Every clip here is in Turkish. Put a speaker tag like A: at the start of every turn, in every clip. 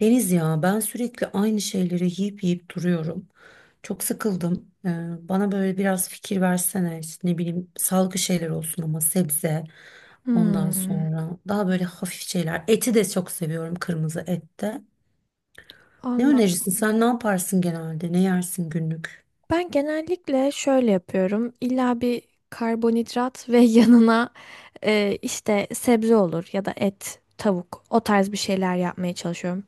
A: Deniz ya ben sürekli aynı şeyleri yiyip yiyip duruyorum. Çok sıkıldım. Bana böyle biraz fikir versene. İşte ne bileyim sağlıklı şeyler olsun ama sebze. Ondan
B: Hmm,
A: sonra daha böyle hafif şeyler. Eti de çok seviyorum kırmızı ette. Ne
B: Allah.
A: önerirsin? Sen ne yaparsın genelde? Ne yersin günlük?
B: Ben genellikle şöyle yapıyorum. İlla bir karbonhidrat ve yanına işte sebze olur ya da et, tavuk o tarz bir şeyler yapmaya çalışıyorum.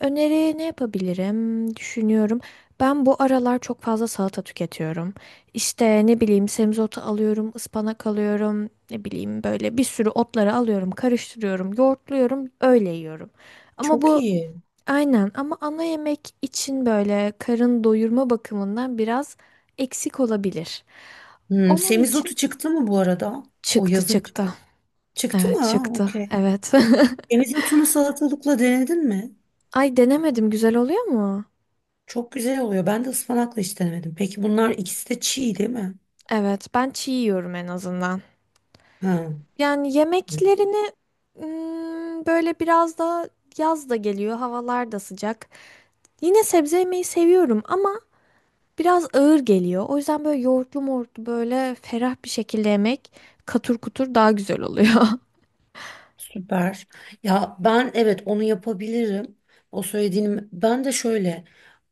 B: Öneri ne yapabilirim? Düşünüyorum. Ben bu aralar çok fazla salata tüketiyorum. İşte ne bileyim semizotu alıyorum, ıspanak alıyorum, ne bileyim böyle bir sürü otları alıyorum, karıştırıyorum, yoğurtluyorum, öyle yiyorum. Ama
A: Çok
B: bu
A: iyi.
B: Aynen ama ana yemek için böyle karın doyurma bakımından biraz eksik olabilir.
A: Hmm,
B: Onun için
A: semizotu çıktı mı bu arada? O
B: çıktı
A: yazın
B: çıktı.
A: çıktı mı?
B: Evet
A: Ha,
B: çıktı.
A: okey.
B: Evet.
A: Semizotunu salatalıkla denedin mi?
B: Ay denemedim, güzel oluyor mu?
A: Çok güzel oluyor. Ben de ıspanakla hiç denemedim. Peki bunlar ikisi de çiğ değil mi?
B: Evet, ben çiğ yiyorum en azından.
A: Ha,
B: Yani
A: evet.
B: yemeklerini böyle biraz da yaz da geliyor, havalar da sıcak. Yine sebze yemeyi seviyorum ama biraz ağır geliyor. O yüzden böyle yoğurtlu mortlu böyle ferah bir şekilde yemek, katur kutur, daha güzel oluyor.
A: Süper. Ya ben evet onu yapabilirim. O söylediğim ben de şöyle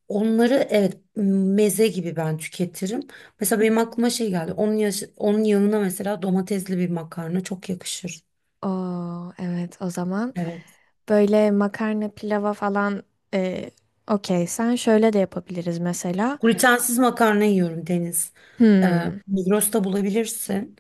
A: onları evet meze gibi ben tüketirim. Mesela benim aklıma şey geldi. Onun yanına mesela domatesli bir makarna çok yakışır.
B: Oo, evet, o zaman
A: Evet.
B: böyle makarna pilava falan, e, okey, sen şöyle de yapabiliriz mesela.
A: Glutensiz makarna yiyorum Deniz.
B: Hmm.
A: Migros'ta bulabilirsin.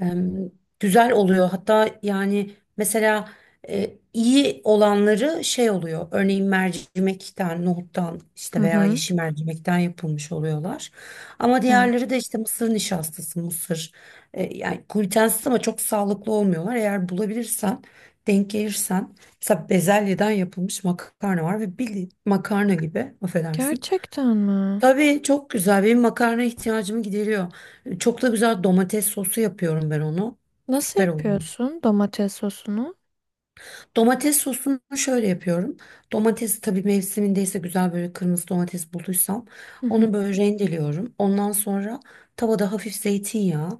A: em, güzel oluyor. Hatta yani mesela iyi olanları şey oluyor. Örneğin mercimekten, nohuttan
B: Hı
A: işte veya
B: hı.
A: yeşil mercimekten yapılmış oluyorlar. Ama
B: Evet.
A: diğerleri de işte mısır nişastası, mısır yani glutensiz ama çok sağlıklı olmuyorlar. Eğer bulabilirsen, denk gelirsen mesela bezelyeden yapılmış makarna var ve bildiğin makarna gibi affedersin.
B: Gerçekten mi?
A: Tabii çok güzel. Benim makarna ihtiyacımı gideriyor. Çok da güzel domates sosu yapıyorum ben onu.
B: Nasıl
A: Süper oluyor.
B: yapıyorsun domates sosunu?
A: Domates sosunu şöyle yapıyorum. Domatesi tabii mevsimindeyse güzel böyle kırmızı domates bulduysam
B: Hı hı.
A: onu böyle rendeliyorum. Ondan sonra tavada hafif zeytinyağı,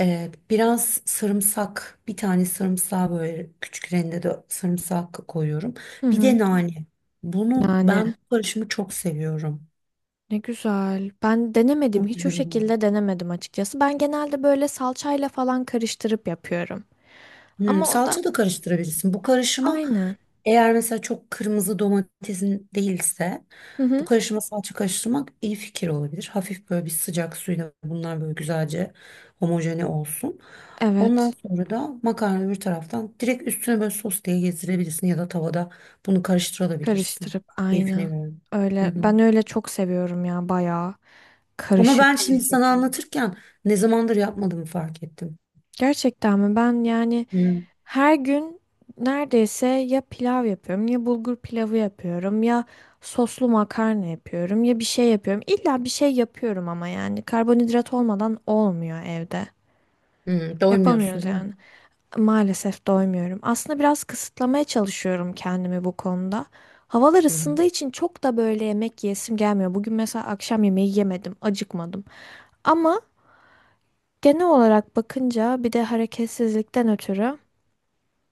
A: biraz sarımsak, bir tane sarımsağı böyle küçük rendede sarımsak koyuyorum.
B: Hı
A: Bir
B: hı.
A: de nane. Bunu
B: Nane.
A: ben bu karışımı çok seviyorum.
B: Ne güzel. Ben denemedim.
A: Çok
B: Hiç o
A: güzel oluyor.
B: şekilde denemedim açıkçası. Ben genelde böyle salçayla falan karıştırıp yapıyorum.
A: Hmm,
B: Ama o da
A: salça da karıştırabilirsin. Bu karışıma
B: aynı.
A: eğer mesela çok kırmızı domatesin değilse
B: Hı
A: bu
B: hı.
A: karışıma salça karıştırmak iyi fikir olabilir. Hafif böyle bir sıcak suyla bunlar böyle güzelce homojene olsun. Ondan
B: Evet.
A: sonra da makarna bir taraftan direkt üstüne böyle sos diye gezdirebilirsin ya da tavada bunu karıştırabilirsin.
B: Karıştırıp,
A: Keyfine
B: aynen.
A: göre. Hı
B: Öyle,
A: hı.
B: ben öyle çok seviyorum ya, bayağı
A: Ama ben
B: karışık bir
A: şimdi sana
B: şekilde.
A: anlatırken ne zamandır yapmadığımı fark ettim.
B: Gerçekten mi? Ben yani
A: Hı.
B: her gün neredeyse ya pilav yapıyorum, ya bulgur pilavı yapıyorum, ya soslu makarna yapıyorum, ya bir şey yapıyorum. İlla bir şey yapıyorum ama yani karbonhidrat olmadan olmuyor evde.
A: Hı, doymuyorsun
B: Yapamıyoruz
A: değil mi?
B: yani. Maalesef doymuyorum. Aslında biraz kısıtlamaya çalışıyorum kendimi bu konuda. Havalar
A: Hı.
B: ısındığı için çok da böyle yemek yesim gelmiyor. Bugün mesela akşam yemeği yemedim, acıkmadım. Ama genel olarak bakınca bir de hareketsizlikten ötürü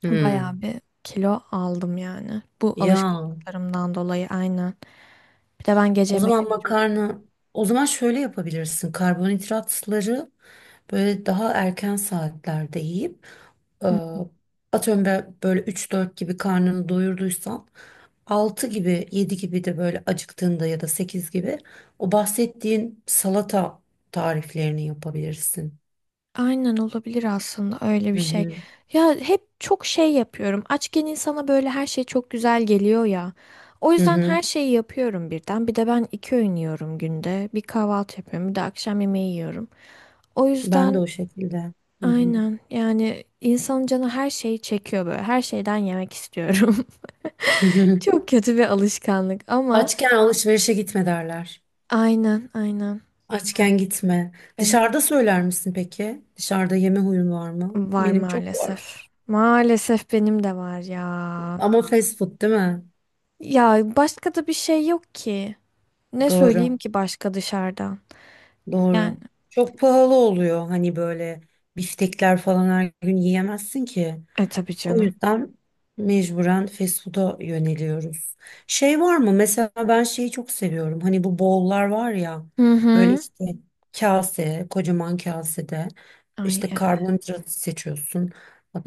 A: Hı.
B: bayağı bir kilo aldım yani. Bu
A: Ya.
B: alışkanlıklarımdan dolayı, aynen. Bir de ben gece
A: O
B: yemek
A: zaman
B: yemedim.
A: makarna, o zaman şöyle yapabilirsin. Karbonhidratları böyle daha erken saatlerde yiyip e, atıyorum ben böyle üç dört gibi karnını doyurduysan 6 gibi 7 gibi de böyle acıktığında ya da 8 gibi o bahsettiğin salata tariflerini yapabilirsin.
B: Aynen, olabilir aslında öyle bir
A: Hı
B: şey.
A: hı.
B: Ya hep çok şey yapıyorum. Açken insana böyle her şey çok güzel geliyor ya. O
A: Hı
B: yüzden
A: hı.
B: her şeyi yapıyorum birden. Bir de ben 2 öğün yiyorum günde. Bir kahvaltı yapıyorum, bir de akşam yemeği yiyorum. O
A: Ben de
B: yüzden
A: o şekilde. Hı hı.
B: aynen yani insanın canı her şeyi çekiyor böyle. Her şeyden yemek istiyorum. Çok kötü bir alışkanlık ama
A: Açken alışverişe gitme derler.
B: aynen, aynen.
A: Açken gitme.
B: Ben
A: Dışarıda söyler misin peki? Dışarıda yeme huyun var mı?
B: var
A: Benim çok
B: maalesef.
A: var.
B: Maalesef benim de var ya.
A: Ama fast food değil mi?
B: Ya başka da bir şey yok ki. Ne söyleyeyim
A: Doğru.
B: ki başka dışarıdan? Yani
A: Doğru. Çok pahalı oluyor. Hani böyle biftekler falan her gün yiyemezsin ki.
B: tabii
A: O
B: canım.
A: yüzden mecburen fast food'a yöneliyoruz. Şey var mı? Mesela ben şeyi çok seviyorum. Hani bu bowl'lar var ya.
B: Hı
A: Böyle
B: hı.
A: işte kase, kocaman kasede
B: Ay
A: işte
B: evet.
A: karbonhidratı seçiyorsun.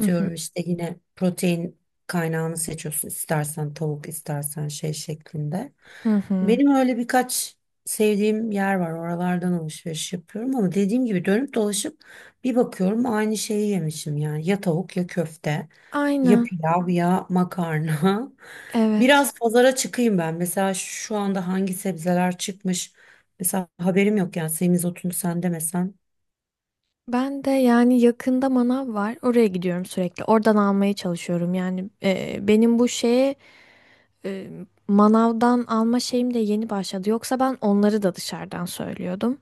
B: Hı hı.
A: işte yine protein kaynağını seçiyorsun. İstersen tavuk, istersen şey şeklinde.
B: Hı hı.
A: Benim öyle birkaç sevdiğim yer var. Oralardan alışveriş yapıyorum ama dediğim gibi dönüp dolaşıp bir bakıyorum aynı şeyi yemişim yani. Ya tavuk ya köfte. Ya
B: Aynen.
A: pilav ya makarna.
B: Evet.
A: Biraz pazara çıkayım ben. Mesela şu anda hangi sebzeler çıkmış? Mesela haberim yok yani semizotunu sen demesen.
B: Ben de yani yakında manav var. Oraya gidiyorum sürekli. Oradan almaya çalışıyorum. Yani benim bu şeye, e, manavdan alma şeyim de yeni başladı. Yoksa ben onları da dışarıdan söylüyordum.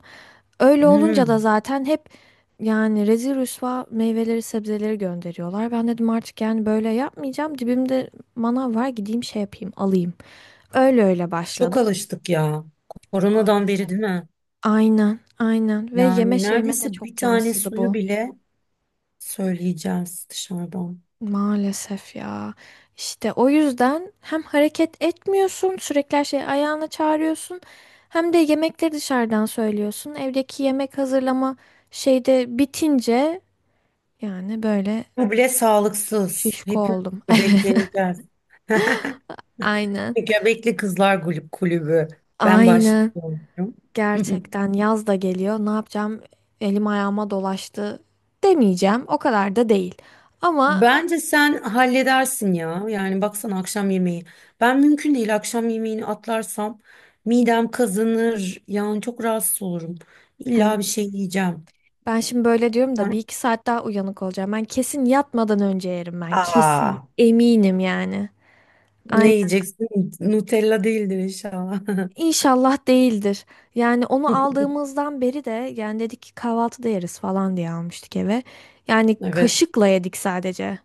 B: Öyle olunca da
A: Hmm,
B: zaten hep yani rezil rüsva meyveleri sebzeleri gönderiyorlar. Ben dedim artık yani böyle yapmayacağım. Dibimde manav var, gideyim şey yapayım alayım. Öyle öyle
A: çok
B: başladım.
A: alıştık ya. Koronadan beri
B: Maalesef.
A: değil mi?
B: Aynen, aynen ve yeme
A: Yani
B: şeyime de
A: neredeyse bir
B: çok
A: tane
B: yansıdı
A: suyu
B: bu.
A: bile söyleyeceğiz dışarıdan.
B: Maalesef ya. İşte o yüzden hem hareket etmiyorsun, sürekli her şeyi ayağına çağırıyorsun. Hem de yemekleri dışarıdan söylüyorsun. Evdeki yemek hazırlama şeyde bitince, yani böyle
A: Bu bile sağlıksız.
B: şişko
A: Hepimiz
B: oldum. Evet,
A: göbekleneceğiz.
B: aynen.
A: Göbekli Kızlar Kulübü. Ben
B: Aynen.
A: başlıyorum.
B: Gerçekten yaz da geliyor. Ne yapacağım? Elim ayağıma dolaştı demeyeceğim. O kadar da değil. Ama
A: Bence sen halledersin ya. Yani baksana akşam yemeği. Ben mümkün değil akşam yemeğini atlarsam midem kazanır. Yani çok rahatsız olurum.
B: hani
A: İlla bir şey yiyeceğim.
B: ben şimdi böyle diyorum da bir
A: Sen
B: iki saat daha uyanık olacağım. Ben kesin yatmadan önce yerim ben. Kesin.
A: Aa,
B: Eminim yani.
A: Ne
B: Aynen.
A: yiyeceksin? Nutella değildir inşallah.
B: İnşallah değildir. Yani onu aldığımızdan beri de, yani dedik ki kahvaltıda yeriz falan diye almıştık eve. Yani
A: Evet.
B: kaşıkla yedik sadece.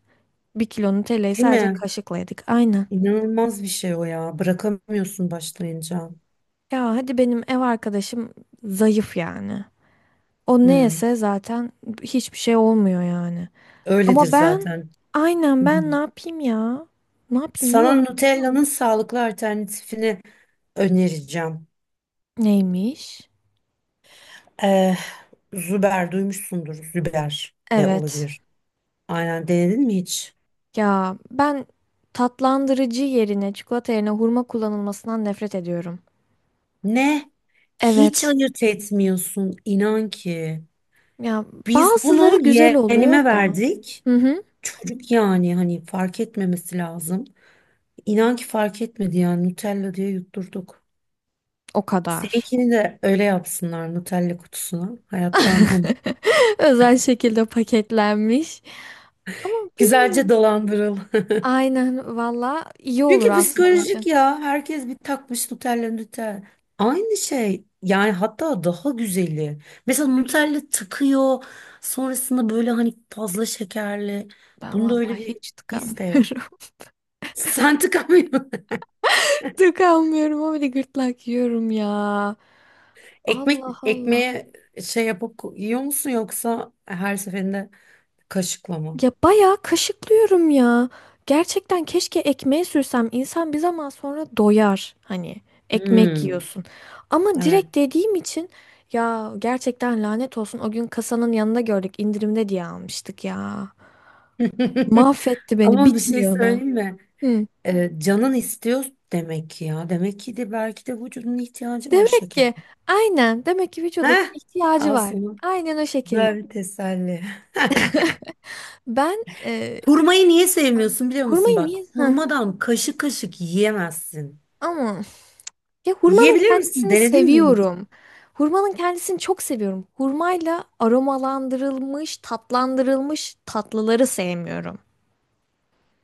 B: Bir kilo Nutella'yı
A: Değil
B: sadece
A: mi?
B: kaşıkla yedik. Aynen.
A: İnanılmaz bir şey o ya. Bırakamıyorsun başlayınca.
B: Ya hadi benim ev arkadaşım zayıf yani. O ne
A: Hmm.
B: yese zaten hiçbir şey olmuyor yani.
A: Öyledir
B: Ama ben,
A: zaten.
B: aynen,
A: Hı hı.
B: ben ne yapayım ya? Ne yapayım, yiyor
A: Sana
B: muyum?
A: Nutella'nın sağlıklı alternatifini önereceğim.
B: Neymiş?
A: Eh, Züber duymuşsundur. Züber de
B: Evet.
A: olabilir. Aynen denedin mi hiç?
B: Ya ben tatlandırıcı yerine, çikolata yerine hurma kullanılmasından nefret ediyorum.
A: Ne? Hiç
B: Evet.
A: ayırt etmiyorsun inan ki.
B: Ya
A: Biz
B: bazıları
A: bunu
B: güzel oluyor
A: yeğenime
B: da.
A: verdik.
B: Hı hı.
A: Çocuk yani hani fark etmemesi lazım. İnan ki fark etmedi yani Nutella diye yutturduk.
B: O kadar.
A: Seninkini de öyle yapsınlar Nutella kutusuna. Hayatta anlamı.
B: Özel şekilde paketlenmiş. Ama bilmiyorum.
A: Güzelce dolandırıl.
B: Aynen, valla iyi olur
A: Çünkü
B: aslında benim için.
A: psikolojik ya. Herkes bir takmış Nutella Nutella. Aynı şey. Yani hatta daha güzeli. Mesela Nutella takıyor. Sonrasında böyle hani fazla şekerli.
B: Ben
A: Bunda
B: vallahi
A: öyle bir
B: hiç
A: his de yok.
B: tıkanmıyorum.
A: Sen tıkamıyorsun.
B: Tıkanmıyorum ama bir de gırtlak yiyorum ya.
A: Ekmek,
B: Allah Allah.
A: ekmeğe şey yapıp yiyor musun yoksa her seferinde kaşıkla mı?
B: Ya bayağı kaşıklıyorum ya. Gerçekten keşke ekmeğe sürsem. İnsan bir zaman sonra doyar. Hani ekmek
A: Hmm,
B: yiyorsun. Ama
A: evet.
B: direkt dediğim için ya gerçekten lanet olsun. O gün kasanın yanında gördük, indirimde diye almıştık ya. Mahvetti beni,
A: Ama bir şey
B: bitmiyor da.
A: söyleyeyim mi?
B: Hı.
A: Canın istiyor demek ki ya. Demek ki de belki de vücudun ihtiyacı var
B: Demek
A: şeker.
B: ki, aynen, demek ki vücudumun
A: Heh,
B: ihtiyacı
A: al
B: var.
A: sana.
B: Aynen o şekilde.
A: Güzel bir teselli.
B: Ben
A: Hurmayı niye sevmiyorsun biliyor musun
B: hurmayı
A: bak?
B: niye, ha,
A: Hurmadan kaşık kaşık yiyemezsin.
B: ama ya hurmanın
A: Yiyebilir misin?
B: kendisini
A: Denedin mi hiç?
B: seviyorum. Hurmanın kendisini çok seviyorum. Hurmayla aromalandırılmış, tatlandırılmış tatlıları sevmiyorum.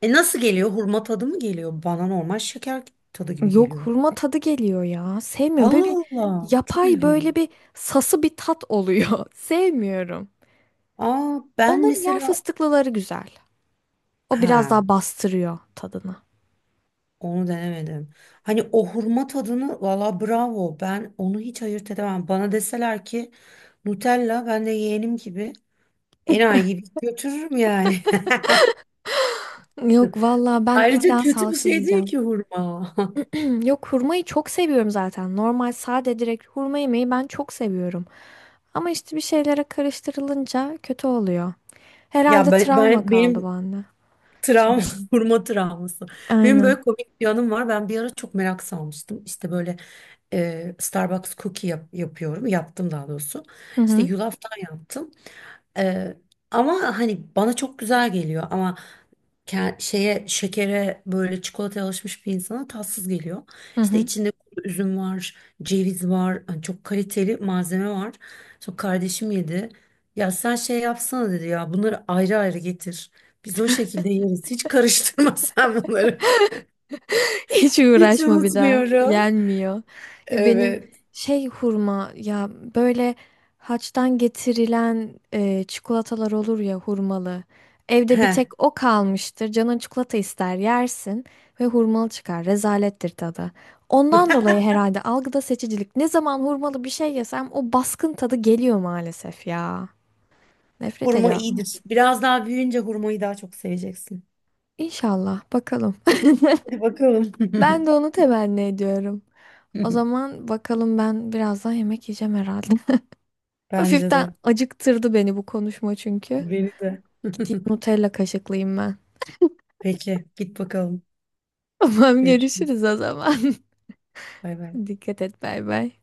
A: E nasıl geliyor? Hurma tadı mı geliyor? Bana normal şeker tadı gibi
B: Yok,
A: geliyor.
B: hurma tadı geliyor ya. Sevmiyorum. Böyle bir
A: Allah Allah. Çok
B: yapay,
A: ilginç.
B: böyle bir sası bir tat oluyor. Sevmiyorum.
A: Aa, ben
B: Onların yer
A: mesela
B: fıstıklıları güzel. O biraz
A: ha
B: daha bastırıyor tadını.
A: onu denemedim. Hani o hurma tadını valla bravo. Ben onu hiç ayırt edemem. Bana deseler ki Nutella ben de yeğenim gibi enayi gibi götürürüm yani.
B: Yok valla, ben
A: Ayrıca
B: illa
A: kötü bir
B: sağlıksız
A: şey değil
B: yiyeceğim.
A: ki hurma.
B: Yok, hurmayı çok seviyorum zaten. Normal sade direkt hurma yemeği ben çok seviyorum. Ama işte bir şeylere karıştırılınca kötü oluyor.
A: Ya
B: Herhalde
A: ben,
B: travma
A: ben
B: kaldı
A: benim
B: bende. Şey.
A: travma hurma travması. Benim
B: Aynen.
A: böyle komik bir anım var. Ben bir ara çok merak salmıştım. İşte böyle Starbucks cookie yapıyorum. Yaptım daha doğrusu.
B: Hı
A: İşte
B: hı.
A: yulaftan yaptım. E, ama hani bana çok güzel geliyor ama ke- şeye şekere böyle çikolataya alışmış bir insana tatsız geliyor.
B: Hı
A: İşte
B: hı.
A: içinde kuru üzüm var, ceviz var, hani çok kaliteli malzeme var. Sonra kardeşim yedi. Ya sen şey yapsana dedi ya bunları ayrı ayrı getir. Biz o şekilde yeriz. Hiç karıştırma sen bunları.
B: Hiç
A: Hiç
B: uğraşma bir daha.
A: unutmuyorum.
B: Yenmiyor. Ya benim
A: Evet.
B: şey, hurma ya, böyle haçtan getirilen çikolatalar olur ya hurmalı. Evde bir
A: He,
B: tek o kalmıştır. Canın çikolata ister yersin ve hurmalı çıkar. Rezalettir tadı. Ondan dolayı herhalde algıda seçicilik. Ne zaman hurmalı bir şey yesem o baskın tadı geliyor maalesef ya. Nefret
A: hurma
B: ediyorum.
A: iyidir. Biraz daha büyüyünce hurmayı daha çok seveceksin.
B: İnşallah bakalım.
A: Hadi bakalım.
B: Ben de onu temenni ediyorum. O zaman bakalım, ben birazdan yemek yiyeceğim herhalde.
A: Bence
B: Hafiften
A: de.
B: acıktırdı beni bu konuşma çünkü.
A: Beni de.
B: Gideyim Nutella kaşıklayayım ben.
A: Peki, git bakalım.
B: Tamam,
A: Görüşürüz.
B: görüşürüz o zaman.
A: Bay bay.
B: Dikkat et, bay bay.